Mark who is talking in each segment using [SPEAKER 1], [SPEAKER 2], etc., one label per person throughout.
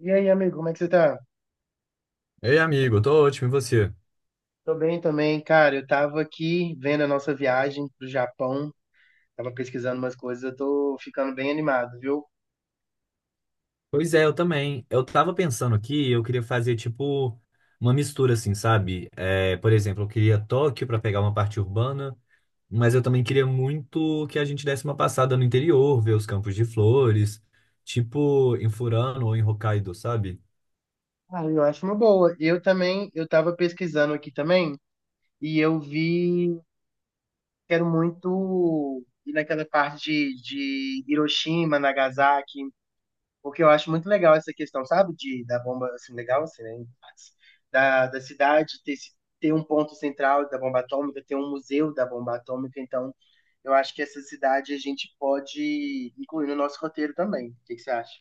[SPEAKER 1] E aí, amigo, como é que você tá?
[SPEAKER 2] Ei, amigo, eu tô ótimo, e você?
[SPEAKER 1] Tô bem também, cara. Eu tava aqui vendo a nossa viagem pro Japão, tava pesquisando umas coisas, eu tô ficando bem animado, viu?
[SPEAKER 2] Pois é, eu também. Eu tava pensando aqui, eu queria fazer tipo uma mistura assim, sabe? É, por exemplo, eu queria Tóquio pra pegar uma parte urbana, mas eu também queria muito que a gente desse uma passada no interior, ver os campos de flores, tipo em Furano ou em Hokkaido, sabe?
[SPEAKER 1] Ah, eu acho uma boa. Eu também, eu tava pesquisando aqui também, e eu vi, quero muito ir naquela parte de Hiroshima, Nagasaki, porque eu acho muito legal essa questão, sabe? Da bomba, assim, legal, assim, né? Da cidade ter, ter um ponto central da bomba atômica, ter um museu da bomba atômica. Então, eu acho que essa cidade a gente pode incluir no nosso roteiro também. O que que você acha?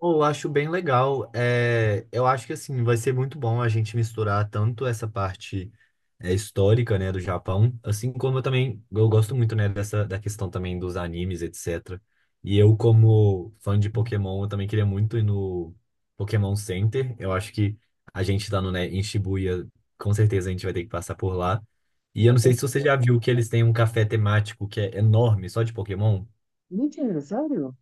[SPEAKER 2] Eu acho bem legal. É, eu acho que assim vai ser muito bom a gente misturar tanto essa parte histórica, né, do Japão, assim como eu também eu gosto muito, né, dessa da questão também dos animes, etc. E eu como fã de Pokémon, eu também queria muito ir no Pokémon Center. Eu acho que a gente tá no, né, em Shibuya, com certeza a gente vai ter que passar por lá. E eu
[SPEAKER 1] Com
[SPEAKER 2] não sei se você
[SPEAKER 1] certeza.
[SPEAKER 2] já viu que eles têm um café temático que é enorme, só de Pokémon.
[SPEAKER 1] Mentira, sério?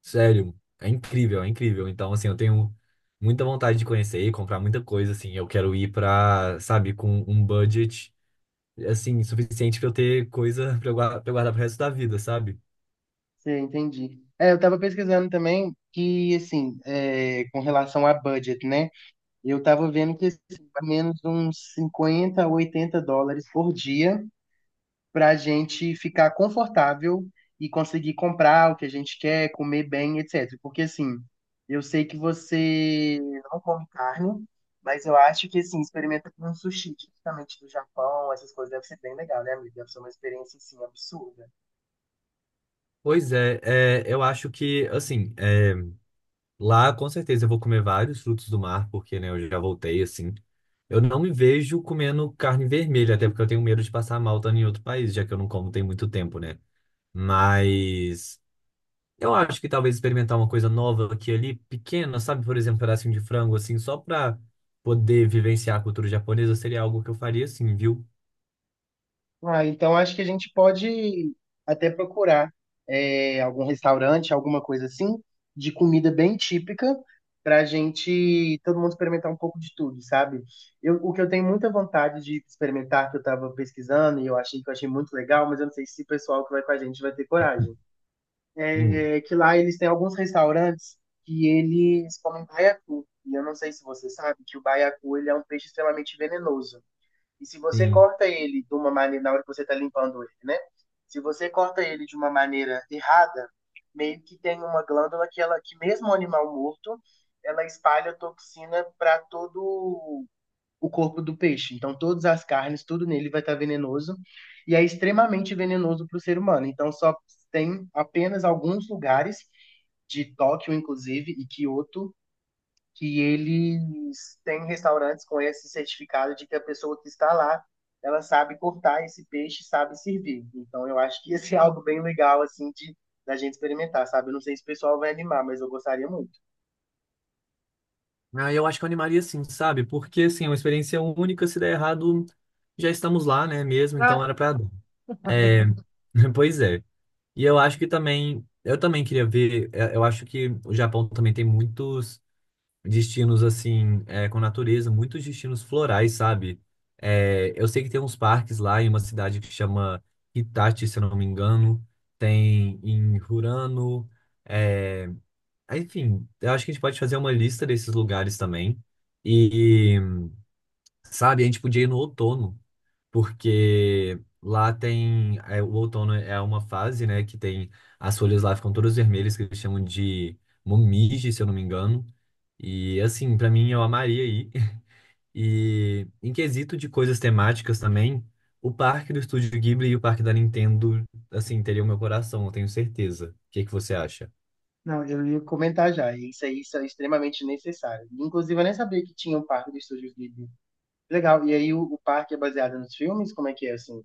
[SPEAKER 2] Sério, é incrível, é incrível. Então, assim, eu tenho muita vontade de conhecer e comprar muita coisa, assim. Eu quero ir pra, sabe, com um budget, assim, suficiente pra eu ter coisa pra eu guardar pro resto da vida, sabe?
[SPEAKER 1] Sim, entendi. É, eu tava pesquisando também que, assim, é, com relação a budget, né? Eu tava vendo que, assim, mais ou menos uns 50, a 80 dólares por dia para a gente ficar confortável e conseguir comprar o que a gente quer, comer bem, etc. Porque assim, eu sei que você não come carne, mas eu acho que assim, experimenta com um sushi, tipicamente do Japão, essas coisas deve ser bem legal, né, amigo? Deve ser uma experiência assim absurda.
[SPEAKER 2] Pois é, eu acho que, assim, lá com certeza eu vou comer vários frutos do mar, porque, né, eu já voltei, assim. Eu não me vejo comendo carne vermelha, até porque eu tenho medo de passar mal estando em outro país, já que eu não como tem muito tempo, né? Mas. Eu acho que talvez experimentar uma coisa nova aqui e ali, pequena, sabe? Por exemplo, um pedacinho de frango, assim, só pra poder vivenciar a cultura japonesa, seria algo que eu faria, assim, viu?
[SPEAKER 1] Ah, então acho que a gente pode até procurar é, algum restaurante, alguma coisa assim, de comida bem típica, para a gente, todo mundo experimentar um pouco de tudo, sabe? Eu, o que eu tenho muita vontade de experimentar, que eu estava pesquisando e eu achei muito legal, mas eu não sei se o pessoal que vai com a gente vai ter coragem.
[SPEAKER 2] Hum.
[SPEAKER 1] É que lá eles têm alguns restaurantes que eles comem baiacu. E eu não sei se você sabe que o baiacu ele é um peixe extremamente venenoso. E se você
[SPEAKER 2] Sim.
[SPEAKER 1] corta ele de uma maneira, na hora que você está limpando ele, né? Se você corta ele de uma maneira errada, meio que tem uma glândula que ela, que mesmo o animal morto, ela espalha toxina para todo o corpo do peixe. Então, todas as carnes, tudo nele vai estar venenoso e é extremamente venenoso para o ser humano. Então, só tem apenas alguns lugares de Tóquio, inclusive, e Kyoto, que eles têm restaurantes com esse certificado de que a pessoa que está lá, ela sabe cortar esse peixe, sabe servir. Então eu acho que esse é algo bem legal assim de da gente experimentar, sabe? Eu não sei se o pessoal vai animar, mas eu gostaria muito.
[SPEAKER 2] Ah, eu acho que eu animaria sim, sabe? Porque, assim, é uma experiência única, se der errado, já estamos lá, né, mesmo, então era pra dar. É, pois é. E eu acho que também, eu também queria ver, eu acho que o Japão também tem muitos destinos assim, com natureza, muitos destinos florais, sabe? É, eu sei que tem uns parques lá em uma cidade que chama Hitachi, se eu não me engano, tem em Hurano, é, enfim, eu acho que a gente pode fazer uma lista desses lugares também. E, sabe, a gente podia ir no outono porque lá tem o outono é uma fase, né, que tem as folhas lá ficam todas vermelhas que eles chamam de momige, se eu não me engano. E assim, pra mim eu amaria ir. E em quesito de coisas temáticas também, o parque do Estúdio Ghibli e o parque da Nintendo, assim, teriam meu coração, eu tenho certeza. O que que você acha?
[SPEAKER 1] Não, eu ia comentar já. Isso aí isso é extremamente necessário. Inclusive, eu nem sabia que tinha um parque do Estúdio Ghibli. Legal. E aí o parque é baseado nos filmes? Como é que é assim?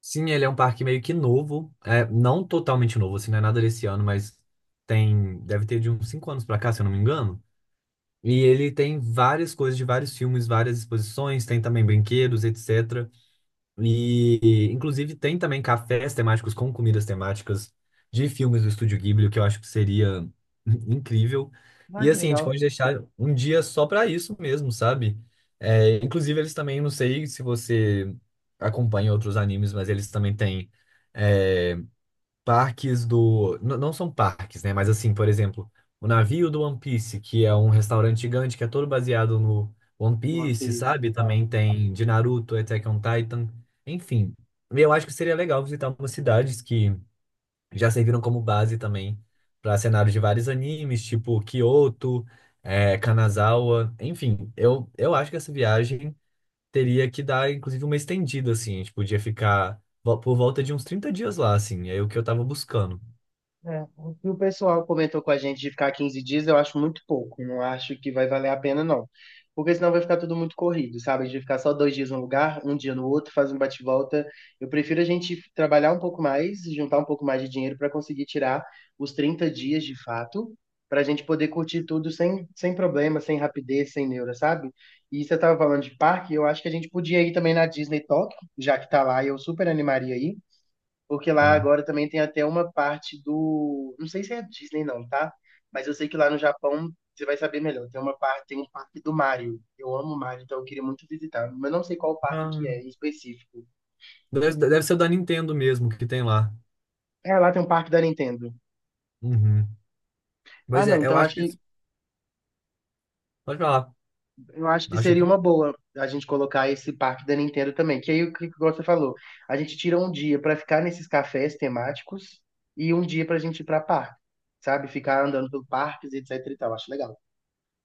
[SPEAKER 2] Sim, ele é um parque meio que novo, não totalmente novo, assim, não é nada desse ano, mas tem, deve ter de uns 5 anos pra cá, se eu não me engano. E ele tem várias coisas de vários filmes, várias exposições, tem também brinquedos, etc. E, inclusive, tem também cafés temáticos com comidas temáticas de filmes do Estúdio Ghibli, o que eu acho que seria incrível.
[SPEAKER 1] Ah,
[SPEAKER 2] E,
[SPEAKER 1] que
[SPEAKER 2] assim, a gente
[SPEAKER 1] legal.
[SPEAKER 2] pode deixar um dia só para isso mesmo, sabe? É, inclusive, eles também, não sei se você acompanha outros animes, mas eles também têm. é, parques do. Não são parques, né? Mas assim, por exemplo, o navio do One Piece, que é um restaurante gigante que é todo baseado no One
[SPEAKER 1] No One
[SPEAKER 2] Piece,
[SPEAKER 1] Piece,
[SPEAKER 2] sabe?
[SPEAKER 1] legal.
[SPEAKER 2] Também tem de Naruto, Attack on Titan, enfim. Eu acho que seria legal visitar algumas cidades que já serviram como base também para cenários de vários animes, tipo Kyoto, Kanazawa, enfim. Eu acho que essa viagem teria que dar, inclusive, uma estendida, assim. A gente podia ficar por volta de uns 30 dias lá, assim. É o que eu tava buscando.
[SPEAKER 1] É, o que o pessoal comentou com a gente de ficar 15 dias, eu acho muito pouco. Não acho que vai valer a pena, não. Porque senão vai ficar tudo muito corrido, sabe? De ficar só dois dias num lugar, um dia no outro, fazer um bate-volta. Eu prefiro a gente trabalhar um pouco mais, juntar um pouco mais de dinheiro para conseguir tirar os 30 dias de fato, para a gente poder curtir tudo sem, sem problema, sem rapidez, sem neura, sabe? E você estava falando de parque, eu acho que a gente podia ir também na Disney Tokyo, já que tá lá, e eu super animaria aí. Porque lá
[SPEAKER 2] Sim.
[SPEAKER 1] agora também tem até uma parte do. Não sei se é a Disney, não, tá? Mas eu sei que lá no Japão você vai saber melhor. Tem uma parte, tem um parque do Mario. Eu amo o Mario, então eu queria muito visitar. Mas não sei qual parque que
[SPEAKER 2] Ah,
[SPEAKER 1] é em específico.
[SPEAKER 2] deve ser o da Nintendo mesmo que tem lá.
[SPEAKER 1] É, lá tem um parque da Nintendo.
[SPEAKER 2] Uhum.
[SPEAKER 1] Ah,
[SPEAKER 2] Pois
[SPEAKER 1] não,
[SPEAKER 2] é, eu
[SPEAKER 1] então
[SPEAKER 2] acho
[SPEAKER 1] acho
[SPEAKER 2] que.
[SPEAKER 1] que
[SPEAKER 2] Pode falar.
[SPEAKER 1] eu acho que
[SPEAKER 2] Acho
[SPEAKER 1] seria
[SPEAKER 2] que.
[SPEAKER 1] uma boa a gente colocar esse parque da Nintendo também. Que aí o que igual você falou, a gente tira um dia pra ficar nesses cafés temáticos e um dia pra gente ir pra parque, sabe? Ficar andando pelo parques, etc e tal. Acho legal.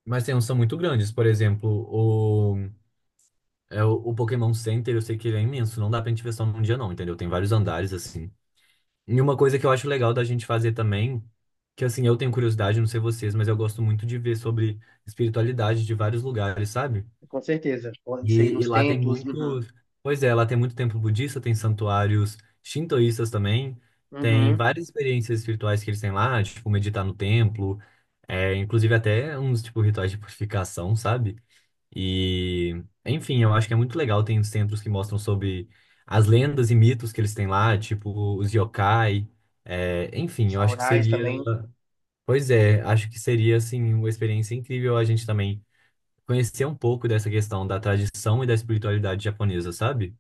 [SPEAKER 2] Mas tem uns que são muito grandes. Por exemplo, o Pokémon Center, eu sei que ele é imenso. Não dá pra gente ver só num dia, não, entendeu? Tem vários andares, assim. E uma coisa que eu acho legal da gente fazer também, que assim, eu tenho curiosidade, não sei vocês, mas eu gosto muito de ver sobre espiritualidade de vários lugares, sabe?
[SPEAKER 1] Com certeza. Pô, isso aí
[SPEAKER 2] E
[SPEAKER 1] nos
[SPEAKER 2] lá tem
[SPEAKER 1] templos, uhum,
[SPEAKER 2] muitos. Pois é, lá tem muito templo budista, tem santuários shintoístas também, tem
[SPEAKER 1] uhum,
[SPEAKER 2] várias experiências espirituais que eles têm lá, tipo meditar no templo, inclusive até uns tipo rituais de purificação, sabe? E, enfim, eu acho que é muito legal. Tem os templos que mostram sobre as lendas e mitos que eles têm lá, tipo os yokai. Enfim,
[SPEAKER 1] os
[SPEAKER 2] eu acho que
[SPEAKER 1] aurais
[SPEAKER 2] seria.
[SPEAKER 1] também.
[SPEAKER 2] Pois é, acho que seria, assim, uma experiência incrível a gente também conhecer um pouco dessa questão da tradição e da espiritualidade japonesa, sabe?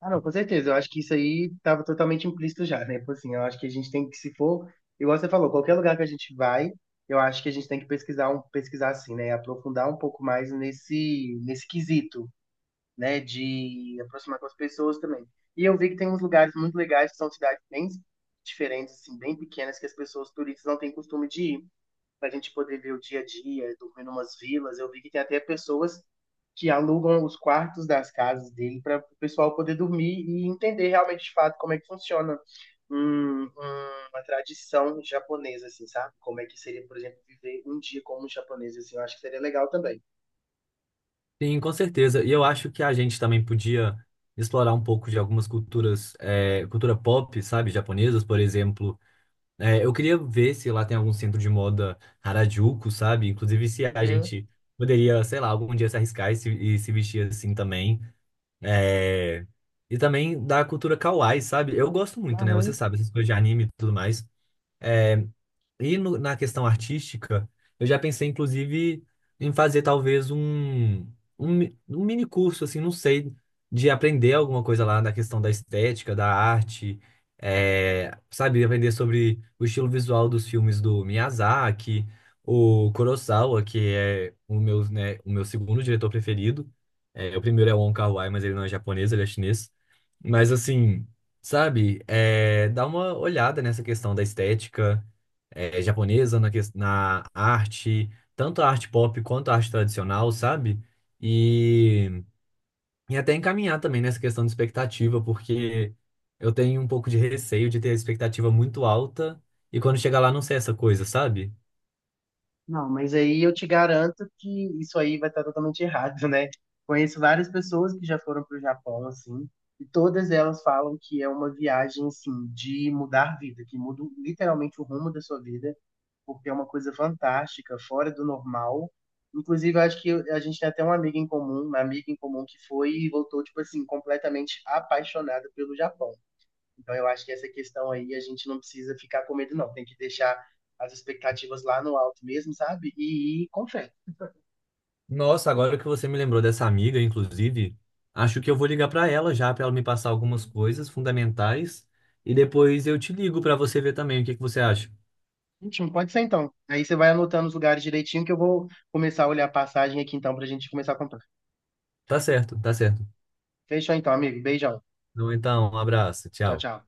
[SPEAKER 1] Ah, não, com certeza. Eu acho que isso aí estava totalmente implícito já, né? Tipo assim, eu acho que a gente tem que, se for, igual você falou, qualquer lugar que a gente vai, eu acho que a gente tem que pesquisar, um, pesquisar assim, né? Aprofundar um pouco mais nesse quesito, né? De aproximar com as pessoas também. E eu vi que tem uns lugares muito legais, que são cidades bem diferentes, assim, bem pequenas, que as pessoas turistas não têm costume de ir, para a gente poder ver o dia a dia, dormir em umas vilas. Eu vi que tem até pessoas que alugam os quartos das casas dele para o pessoal poder dormir e entender realmente de fato como é que funciona uma tradição japonesa, assim, sabe? Como é que seria, por exemplo, viver um dia como um japonês, assim, eu acho que seria legal também.
[SPEAKER 2] Sim, com certeza. E eu acho que a gente também podia explorar um pouco de algumas culturas, cultura pop, sabe, japonesas, por exemplo. É, eu queria ver se lá tem algum centro de moda Harajuku, sabe? Inclusive se a
[SPEAKER 1] Uhum,
[SPEAKER 2] gente poderia, sei lá, algum dia se arriscar e se vestir assim também. É, E também da cultura kawaii, sabe? Eu gosto muito, né? Você
[SPEAKER 1] uhum.
[SPEAKER 2] sabe, essas coisas de anime e tudo mais. Eh, E na questão artística, eu já pensei, inclusive, em fazer talvez um mini curso, assim, não sei, de aprender alguma coisa lá na questão da estética, da arte, sabe, aprender sobre o estilo visual dos filmes do Miyazaki, o Kurosawa, que é o meu, né, o meu segundo diretor preferido. É, o primeiro é o Wong Kar-wai, mas ele não é japonês, ele é chinês. Mas assim, sabe, dá uma olhada nessa questão da estética japonesa, na, na arte, tanto a arte pop quanto a arte tradicional, sabe? E, e até encaminhar também nessa questão de expectativa, porque eu tenho um pouco de receio de ter a expectativa muito alta e quando chegar lá não ser essa coisa, sabe?
[SPEAKER 1] Não, mas aí eu te garanto que isso aí vai estar totalmente errado, né? Conheço várias pessoas que já foram para o Japão, assim, e todas elas falam que é uma viagem, assim, de mudar vida, que muda literalmente o rumo da sua vida, porque é uma coisa fantástica, fora do normal. Inclusive, eu acho que a gente tem até uma amiga em comum, uma amiga em comum que foi e voltou, tipo assim, completamente apaixonada pelo Japão. Então eu acho que essa questão aí a gente não precisa ficar com medo, não. Tem que deixar as expectativas lá no alto mesmo, sabe? E ir com fé.
[SPEAKER 2] Nossa, agora que você me lembrou dessa amiga, inclusive, acho que eu vou ligar para ela já, para ela me passar algumas coisas fundamentais e depois eu te ligo para você ver também o que que você acha.
[SPEAKER 1] Ótimo, pode ser então. Aí você vai anotando os lugares direitinho que eu vou começar a olhar a passagem aqui então pra gente começar a comprar.
[SPEAKER 2] Tá certo, tá certo.
[SPEAKER 1] Fechou então, amigo. Beijão.
[SPEAKER 2] Então, um abraço,
[SPEAKER 1] Tchau,
[SPEAKER 2] tchau.
[SPEAKER 1] tchau.